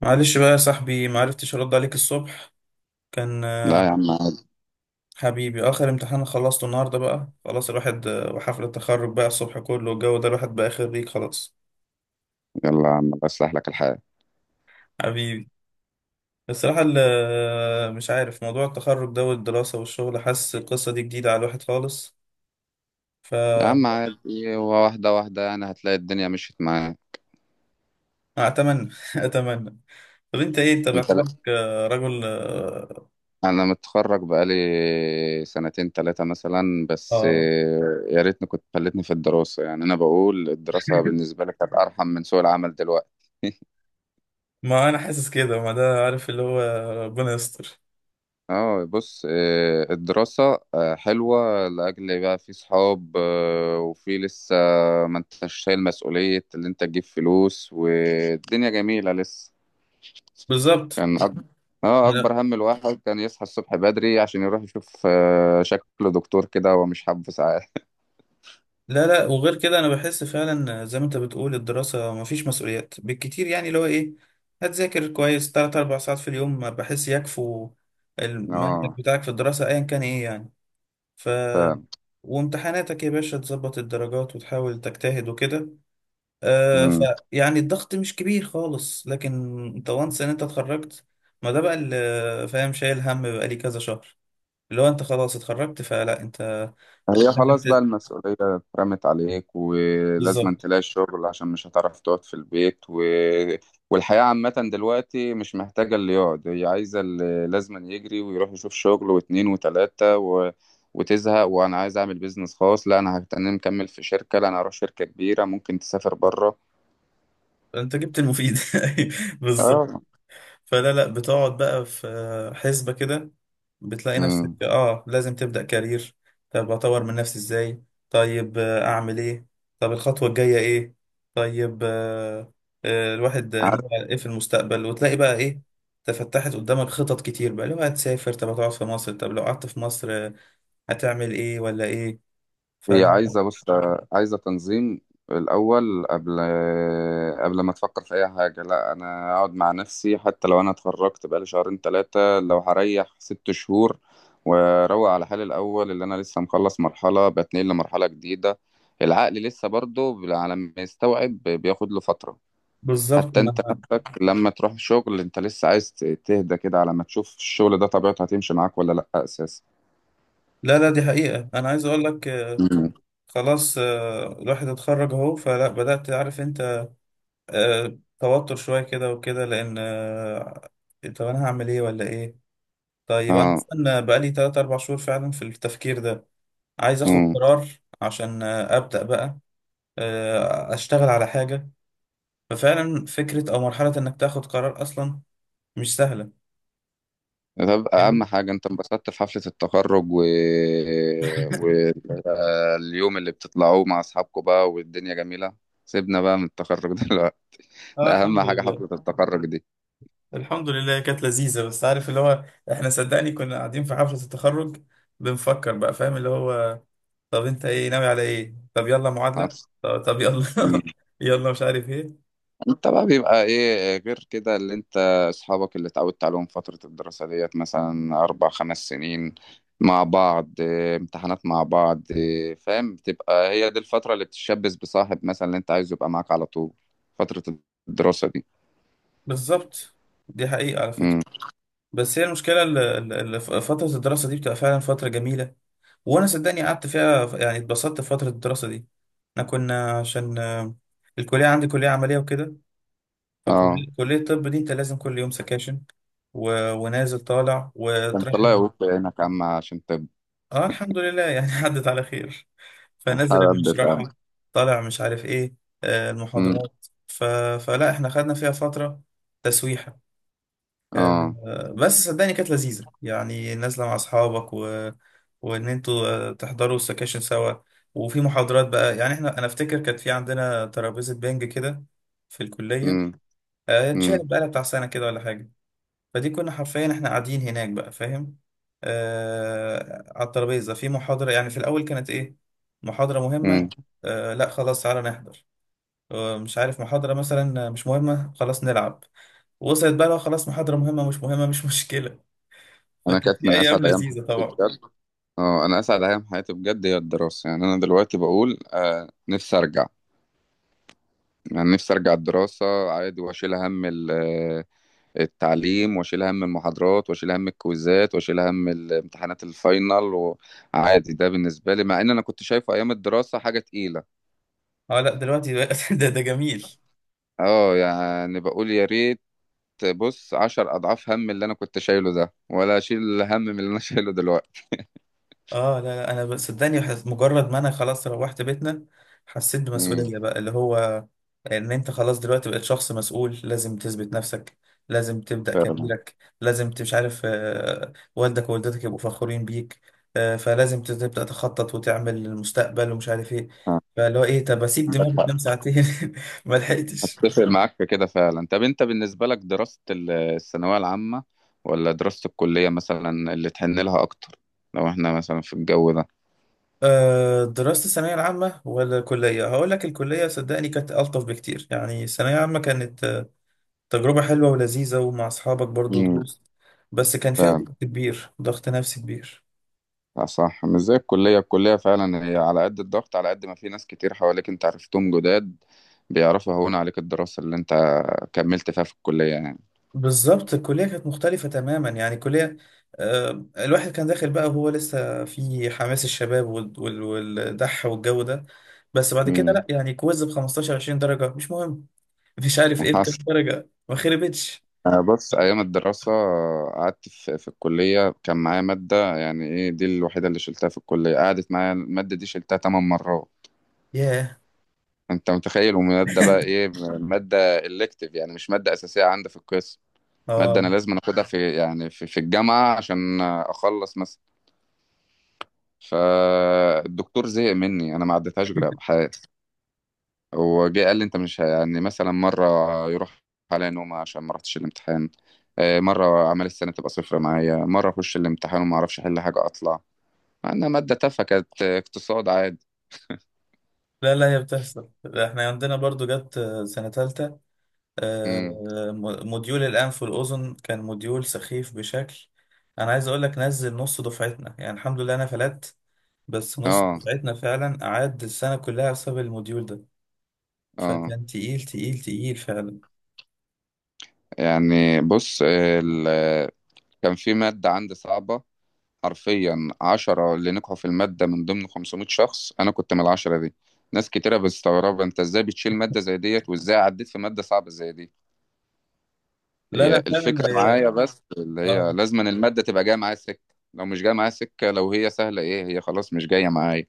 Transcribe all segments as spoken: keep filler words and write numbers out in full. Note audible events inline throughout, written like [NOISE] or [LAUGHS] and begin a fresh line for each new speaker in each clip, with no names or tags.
معلش بقى يا صاحبي، معرفتش ارد عليك الصبح. كان
لا
آه،
يا عم عادي.
حبيبي. آه، اخر امتحان خلصته النهارده بقى، خلاص الواحد آه، وحفله التخرج بقى الصبح كله والجو ده، الواحد بقى خريج خلاص
يلا يا عم الله يصلح لك الحال.
حبيبي. الصراحه ال- آه، مش عارف موضوع التخرج ده والدراسه والشغل، حاسس القصه دي جديده على الواحد خالص. ف
يا عم عادي، هو واحدة واحدة يعني هتلاقي الدنيا مشيت معايا.
اتمنى [LAUGHS] اتمنى. طب انت ايه؟ انت
انت
باعتبارك آه، رجل اه.
انا متخرج بقالي سنتين تلاتة مثلا بس.
آه،
يا ريتني كنت خلتني في الدراسة، يعني انا بقول الدراسة بالنسبة لك كانت ارحم من سوق العمل دلوقتي. [LAUGHS]
ما انا حاسس كده، ما ده عارف اللي هو آه، ربنا يستر.
اه، بص، آه، الدراسة آه، حلوة لأجل بقى في صحاب، آه، وفي لسه ما انتش شايل مسؤولية اللي انت تجيب فلوس والدنيا جميلة لسه.
بالظبط.
كان أك... اه اكبر هم الواحد كان يصحى الصبح بدري عشان يروح يشوف آه، شكل دكتور كده هو مش حابه ساعات.
لا لا، وغير كده انا بحس فعلا زي ما انت بتقول، الدراسة مفيش مسؤوليات بالكتير، يعني اللي هو ايه، هتذاكر كويس تلات اربع ساعات في اليوم بحس يكفوا.
[LAUGHS]
المنهج
اه،
بتاعك في الدراسة ايا كان ايه يعني. ف
فعلا.
وامتحاناتك يا باشا تظبط الدرجات وتحاول تجتهد وكده. آه ف
مم.
يعني الضغط مش كبير خالص، لكن انت وانس ان انت اتخرجت، ما ده بقى اللي فاهم، شايل هم بقالي كذا شهر، اللي هو انت خلاص اتخرجت فلا انت
هي
لازم
خلاص بقى
ت-
المسؤولية اترمت عليك ولازم
بالظبط.
تلاقي شغل عشان مش هتعرف تقعد في البيت و... والحياة عامة دلوقتي مش محتاجة اللي يقعد، هي عايزة اللي لازم يجري ويروح يشوف شغل واتنين وتلاتة و... وتزهق، وانا عايز اعمل بيزنس خاص، لا انا هتنم مكمل في شركة، لا انا هروح شركة كبيرة ممكن تسافر بره.
انت جبت المفيد. [LAUGHS] بالظبط.
اه.
فلا لا، بتقعد بقى في حسبة كده، بتلاقي نفسك
مم.
اه لازم تبدأ كارير. طب اطور من نفسي ازاي؟ طيب آه، اعمل ايه؟ طب الخطوة الجاية ايه؟ طيب آه آه، الواحد
عارف.
نوع ايه في المستقبل؟ وتلاقي بقى ايه؟ تفتحت قدامك خطط كتير بقى، لو هتسافر، طب هتقعد في مصر، طب لو قعدت في مصر آه، هتعمل ايه ولا ايه؟
هي
فلا
عايزة بص، عايزة تنظيم الأول، قبل قبل ما تفكر في أي حاجة، لا أنا أقعد مع نفسي حتى لو أنا اتخرجت بقالي شهرين تلاتة، لو هريح ست شهور وأروق على حالي الأول، اللي أنا لسه مخلص مرحلة بتنقل لمرحلة جديدة. العقل لسه برضه على ما يستوعب بياخد له فترة.
بالظبط.
حتى أنت
انا
نفسك لما تروح شغل أنت لسه عايز تهدى كده على ما تشوف الشغل ده طبيعته هتمشي معاك ولا لأ أساسا.
لا لا، دي حقيقة انا عايز اقول لك،
مم.
خلاص آه، الواحد اتخرج اهو، فلا بدأت عارف انت آه، توتر شوية كده وكده، لأن آه، طب أنا هعمل إيه ولا إيه؟ طيب أنا
اه.
أصلا بقالي تلات أربع شهور فعلا في التفكير ده، عايز آخد
مم.
قرار عشان آه، أبدأ بقى آه، أشتغل على حاجة. ففعلا فكرة أو مرحلة إنك تاخد قرار أصلا مش سهلة.
طب
فاهمني؟
اهم حاجه انت انبسطت في حفله التخرج و... واليوم اللي بتطلعوه مع اصحابكم بقى والدنيا جميله. سيبنا بقى من التخرج [LAUGHS] دلوقتي.
اه
ده اهم
الحمد
حاجه،
لله.
حفله التخرج دي.
الحمد لله كانت لذيذة، بس عارف اللي هو، احنا صدقني كنا قاعدين في حفلة التخرج بنفكر بقى، فاهم اللي هو، طب انت ايه ناوي على ايه؟ طب يلا معادلة.
حصل.
طب, طب يلا.
مم.
[LAUGHS] يلا مش عارف ايه.
انت بقى بيبقى ايه غير كده، اللي انت اصحابك اللي اتعودت عليهم فتره الدراسه ديت مثلا اربع خمس سنين مع بعض إيه، امتحانات مع بعض إيه، فاهم، بتبقى هي دي الفتره اللي بتتشبث بصاحب مثلا اللي انت عايزه يبقى معاك على طول، فتره الدراسه دي.
بالظبط، دي حقيقة على فكرة.
امم.
بس هي المشكلة ال- ال- ال- فترة الدراسة دي بتبقى فعلا فترة جميلة، وانا صدقني قعدت فيها يعني، اتبسطت في فترة الدراسة دي. احنا كنا عشان آه، الكلية عندي كلية عملية وكده،
اه.
فكلية كلية الطب دي انت لازم كل يوم سكاشن و... ونازل طالع
انت
وتروح.
الله يقويك عينك يا عم عشان تبقى
اه الحمد لله يعني [LAUGHS] عدت على خير. فنزل اللي
حد فاهم.
بيشرحه طالع مش عارف ايه آه،
امم.
المحاضرات ف... فلا احنا خدنا فيها فترة تسويحة.
اه.
آه، بس صدقني كانت لذيذة، يعني نازلة مع أصحابك و... وإن أنتوا آه، تحضروا السكاشن سوا. وفي محاضرات بقى يعني، احنا أنا أفتكر كانت في عندنا ترابيزة بنج كده في الكلية،
امم.
آه،
امم.
اتشالت بقى بتاع سنة كده ولا حاجة، فدي كنا حرفيا احنا قاعدين هناك بقى فاهم، آه على الترابيزة في محاضرة، يعني في الأول كانت إيه، محاضرة مهمة،
امم.
آه لا خلاص تعالى نحضر، آه مش عارف محاضرة مثلا مش مهمة، خلاص نلعب. وصلت بقى، لو خلاص محاضرة مهمة مش مهمة مش مشكلة.
انا
فكانت
كانت
في
من
أيام
اسعد ايام
لذيذة
حياتي
طبعا.
بجد. اه، انا اسعد ايام حياتي بجد هي الدراسه، يعني انا دلوقتي بقول آه نفسي ارجع. يعني نفسي ارجع الدراسه عادي، واشيل هم ال- آه، التعليم واشيل هم المحاضرات واشيل هم الكويزات واشيل هم الامتحانات الفاينل، وعادي ده بالنسبه لي، مع ان انا كنت شايفه ايام الدراسه حاجه تقيله.
اه لا دلوقتي بقى [LAUGHS] ده ده جميل.
اه، يعني بقول يا ريت، بص عشر أضعاف هم اللي أنا كنت شايله ده ولا أشيل هم من اللي أنا [LAUGHS] شايله دلوقتي.
اه لا لا، انا ب- صدقني حس- مجرد ما انا خلاص روحت بيتنا، حسيت
امم.
بمسؤولية بقى، اللي هو ان انت خلاص دلوقتي بقيت شخص مسؤول، لازم تثبت نفسك، لازم تبدأ
فعلا.
كاريرك، لازم ت- مش عارف آه، والدك ووالدتك يبقوا فخورين بيك. آه، فلازم ت- تبدأ تخطط وتعمل المستقبل ومش عارف ايه.
آه،
فاللي هو ايه، طب اسيب دماغي تنام ساعتين [LAUGHS] ما لحقتش.
أتفق معاك في كده فعلا. طب أنت بالنسبة لك دراسة ال- الثانوية العامة ولا دراسة الكلية مثلا اللي تحن لها أكتر، لو إحنا مثلا في الجو ده؟
آه، دراسة الثانوية العامة ولا كلية؟ هقول لك الكلية صدقني كانت ألطف بكتير، يعني الثانوية العامة كانت تجربة حلوة ولذيذة ومع أصحابك برضو
امم.
تجوز، بس كان فيها
فعلا.
ضغط كبير، ضغط نفسي كبير.
آه، صح، مش زي الكلية. الكلية فعلا هي على قد الضغط، على قد ما في ناس كتير حواليك أنت عرفتهم جداد، بيعرفوا يهون عليك الدراسة اللي أنت كملت فيها في الكلية يعني.
بالظبط، الكلية كانت مختلفة تماما. يعني الكلية آه، الواحد كان داخل بقى وهو لسه في حماس الشباب وال- وال- والدح والجو ده. بس بعد كده
امم.
لا، يعني كويز ب خمستاشر عشرين درجة مش مهم، مش عارف ايه
حصل.
بكام درجة ما خربتش.
أنا بص، أيام الدراسة قعدت في, في الكلية كان معايا مادة، يعني إيه دي الوحيدة اللي شلتها في الكلية، قعدت معايا المادة دي شلتها تمن مرات.
ياه.
أنت متخيل، ومادة بقى إيه؟ مادة إلكتيف، يعني مش مادة أساسية عندي في القسم. مادة أنا
اه
لازم أخدها في يعني في, في الجامعة عشان أخلص مثلا. فالدكتور زهق مني، أنا ما عدتهاش غير بحال. هو جه قال لي انت مش ه- يعني مثلا مره يروح عليا نومه عشان ما رحتش الامتحان، آه، مره اعمال السنه تبقى صفر معايا، مره اخش الامتحان وما اعرفش احل حاجه اطلع، مع انها ماده تافهه كانت آه، اقتصاد عادي.
لا لا، هي بتحصل. احنا عندنا برضو جت آه، سنة تالتة آه،
امم.
م- موديول الأنف والأذن كان موديول سخيف بشكل. أنا عايز أقول لك، نزل نص دفعتنا. يعني الحمد لله أنا فلت، بس نص
اه.
دفعتنا فعلا قعد السنة كلها بسبب الموديول ده.
اه.
فكان تقيل تقيل تقيل فعلا.
يعني بص، آه، ال- كان في ماده عندي صعبه. حرفيا عشرة اللي نجحوا في الماده من ضمن خمسمائة شخص، انا كنت من العشرة دي. ناس كتيرة بتستغرب انت ازاي بتشيل مادة زي ديت وازاي عديت في مادة صعبة زي دي.
لا
هي
لا، فعلا
الفكرة
هي
معايا بس اللي هي
اه.
لازم أن المادة تبقى جاية معايا سكة، لو مش جاية معايا سكة، لو هي سهلة ايه هي خلاص مش جاية معايا.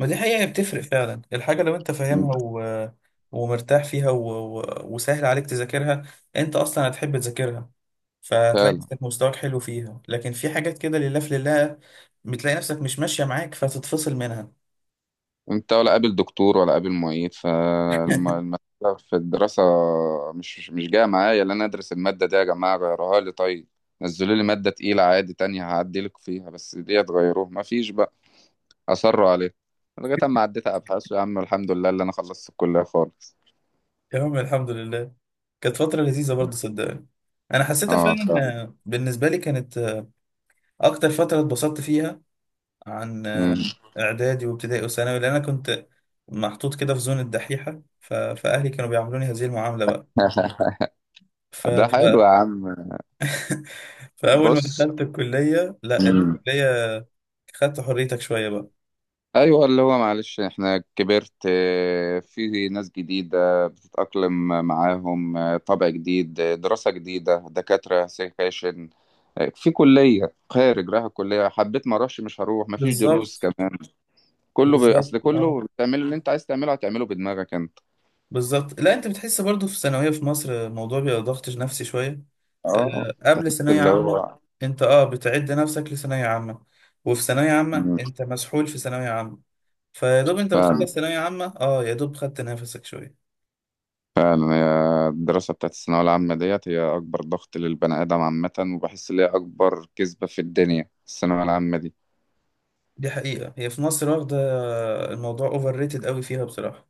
ما دي حقيقة، هي بتفرق فعلا. الحاجة لو أنت
مم.
فاهمها و... ومرتاح فيها و... و... وسهل عليك تذاكرها، أنت أصلا هتحب تذاكرها، فتلاقي
فعلا.
نفسك مستواك حلو فيها. لكن في حاجات كده لله في لله، بتلاقي نفسك مش ماشية معاك، فتتفصل منها.
انت ولا قابل دكتور ولا قابل معيد، فالمسألة في الدراسة مش مش جاية معايا، اللي انا ادرس المادة دي، يا جماعة غيروها لي طيب، نزلوا لي مادة تقيلة عادي تانية هعدلك فيها، بس دي تغيروه مفيش بقى. أصروا عليه لغاية أما عديت أبحاث يا عم الحمد لله اللي أنا خلصت الكلية خالص.
يا عم الحمد لله. كانت فترة لذيذة برضه صدقني، أنا حسيتها
اه،
فعلا.
فعلا.
آه، بالنسبة لي كانت آه، أكتر فترة اتبسطت فيها عن آه،
مم.
إعدادي وابتدائي وثانوي، لأن أنا كنت محطوط كده في زون الدحيحة ف... فأهلي كانوا بيعاملوني هذه المعاملة بقى.
[LAUGHS]
ف...
ده
ف...
حلو يا عم.
[LAUGHS] فأول ما
بص.
دخلت الكلية لا،
مم.
الكلية خدت حريتك شوية بقى.
ايوه، اللي هو معلش احنا كبرت، آه، في ناس جديده بتتاقلم معاهم، آه، طبع جديد، آه، دراسه جديده دكاتره سكاشن، آه، في كليه خارج رايح الكليه حبيت ما اروحش مش هروح مفيش دروس
بالظبط
كمان. كله ب...
بالظبط
اصل
اه
كله بتعمل اللي انت عايز تعمله، هتعمله بدماغك انت.
بالظبط. لا انت بتحس برضو في الثانويه في مصر الموضوع بيبقى ضغط نفسي شويه،
اه،
أه قبل ثانويه
اللي
عامه
هو.
انت اه بتعد نفسك لثانويه عامه، وفي ثانويه عامه
مم.
انت مسحول في ثانويه عامه، فيا دوب انت
فعلا.
بتخلص ثانويه عامه، اه يا دوب خدت نفسك شويه.
فعلا هي الدراسة بتاعت الثانوية العامة ديت هي أكبر ضغط للبني آدم عامة، وبحس إن هي أكبر كذبة في الدنيا الثانوية العامة دي.
دي حقيقه، هي في مصر واخده الموضوع اوفر ريتد قوي فيها بصراحه.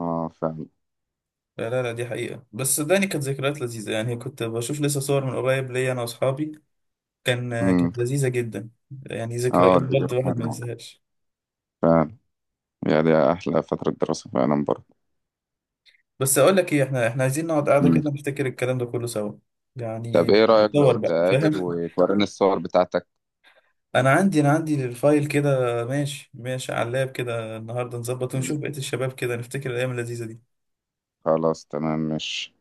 اه، فعلا.
لا لا لا، دي حقيقه. بس صدقني كانت ذكريات لذيذه، يعني كنت بشوف لسه صور من قريب، ليا انا واصحابي، كان
امم.
كانت لذيذه جدا. يعني
اه.
ذكريات
دي
برضه الواحد ما
فعلا،
ينساهاش.
فعلا. يعني دي أحلى فترة دراسة فعلا برضه.
بس اقول لك ايه، احنا احنا عايزين نقعد قاعده
مم.
كده نفتكر الكلام ده كله سوا، يعني
طب إيه رأيك لو
ندور بقى
تقابل
فاهم.
وتوريني الصور بتاعتك؟
[LAUGHS] انا عندي انا عندي الفايل كده، ماشي ماشي على اللاب كده النهارده، نظبط ونشوف
مم.
بقيه الشباب كده نفتكر الايام اللذيذه دي.
خلاص، تمام، ماشي.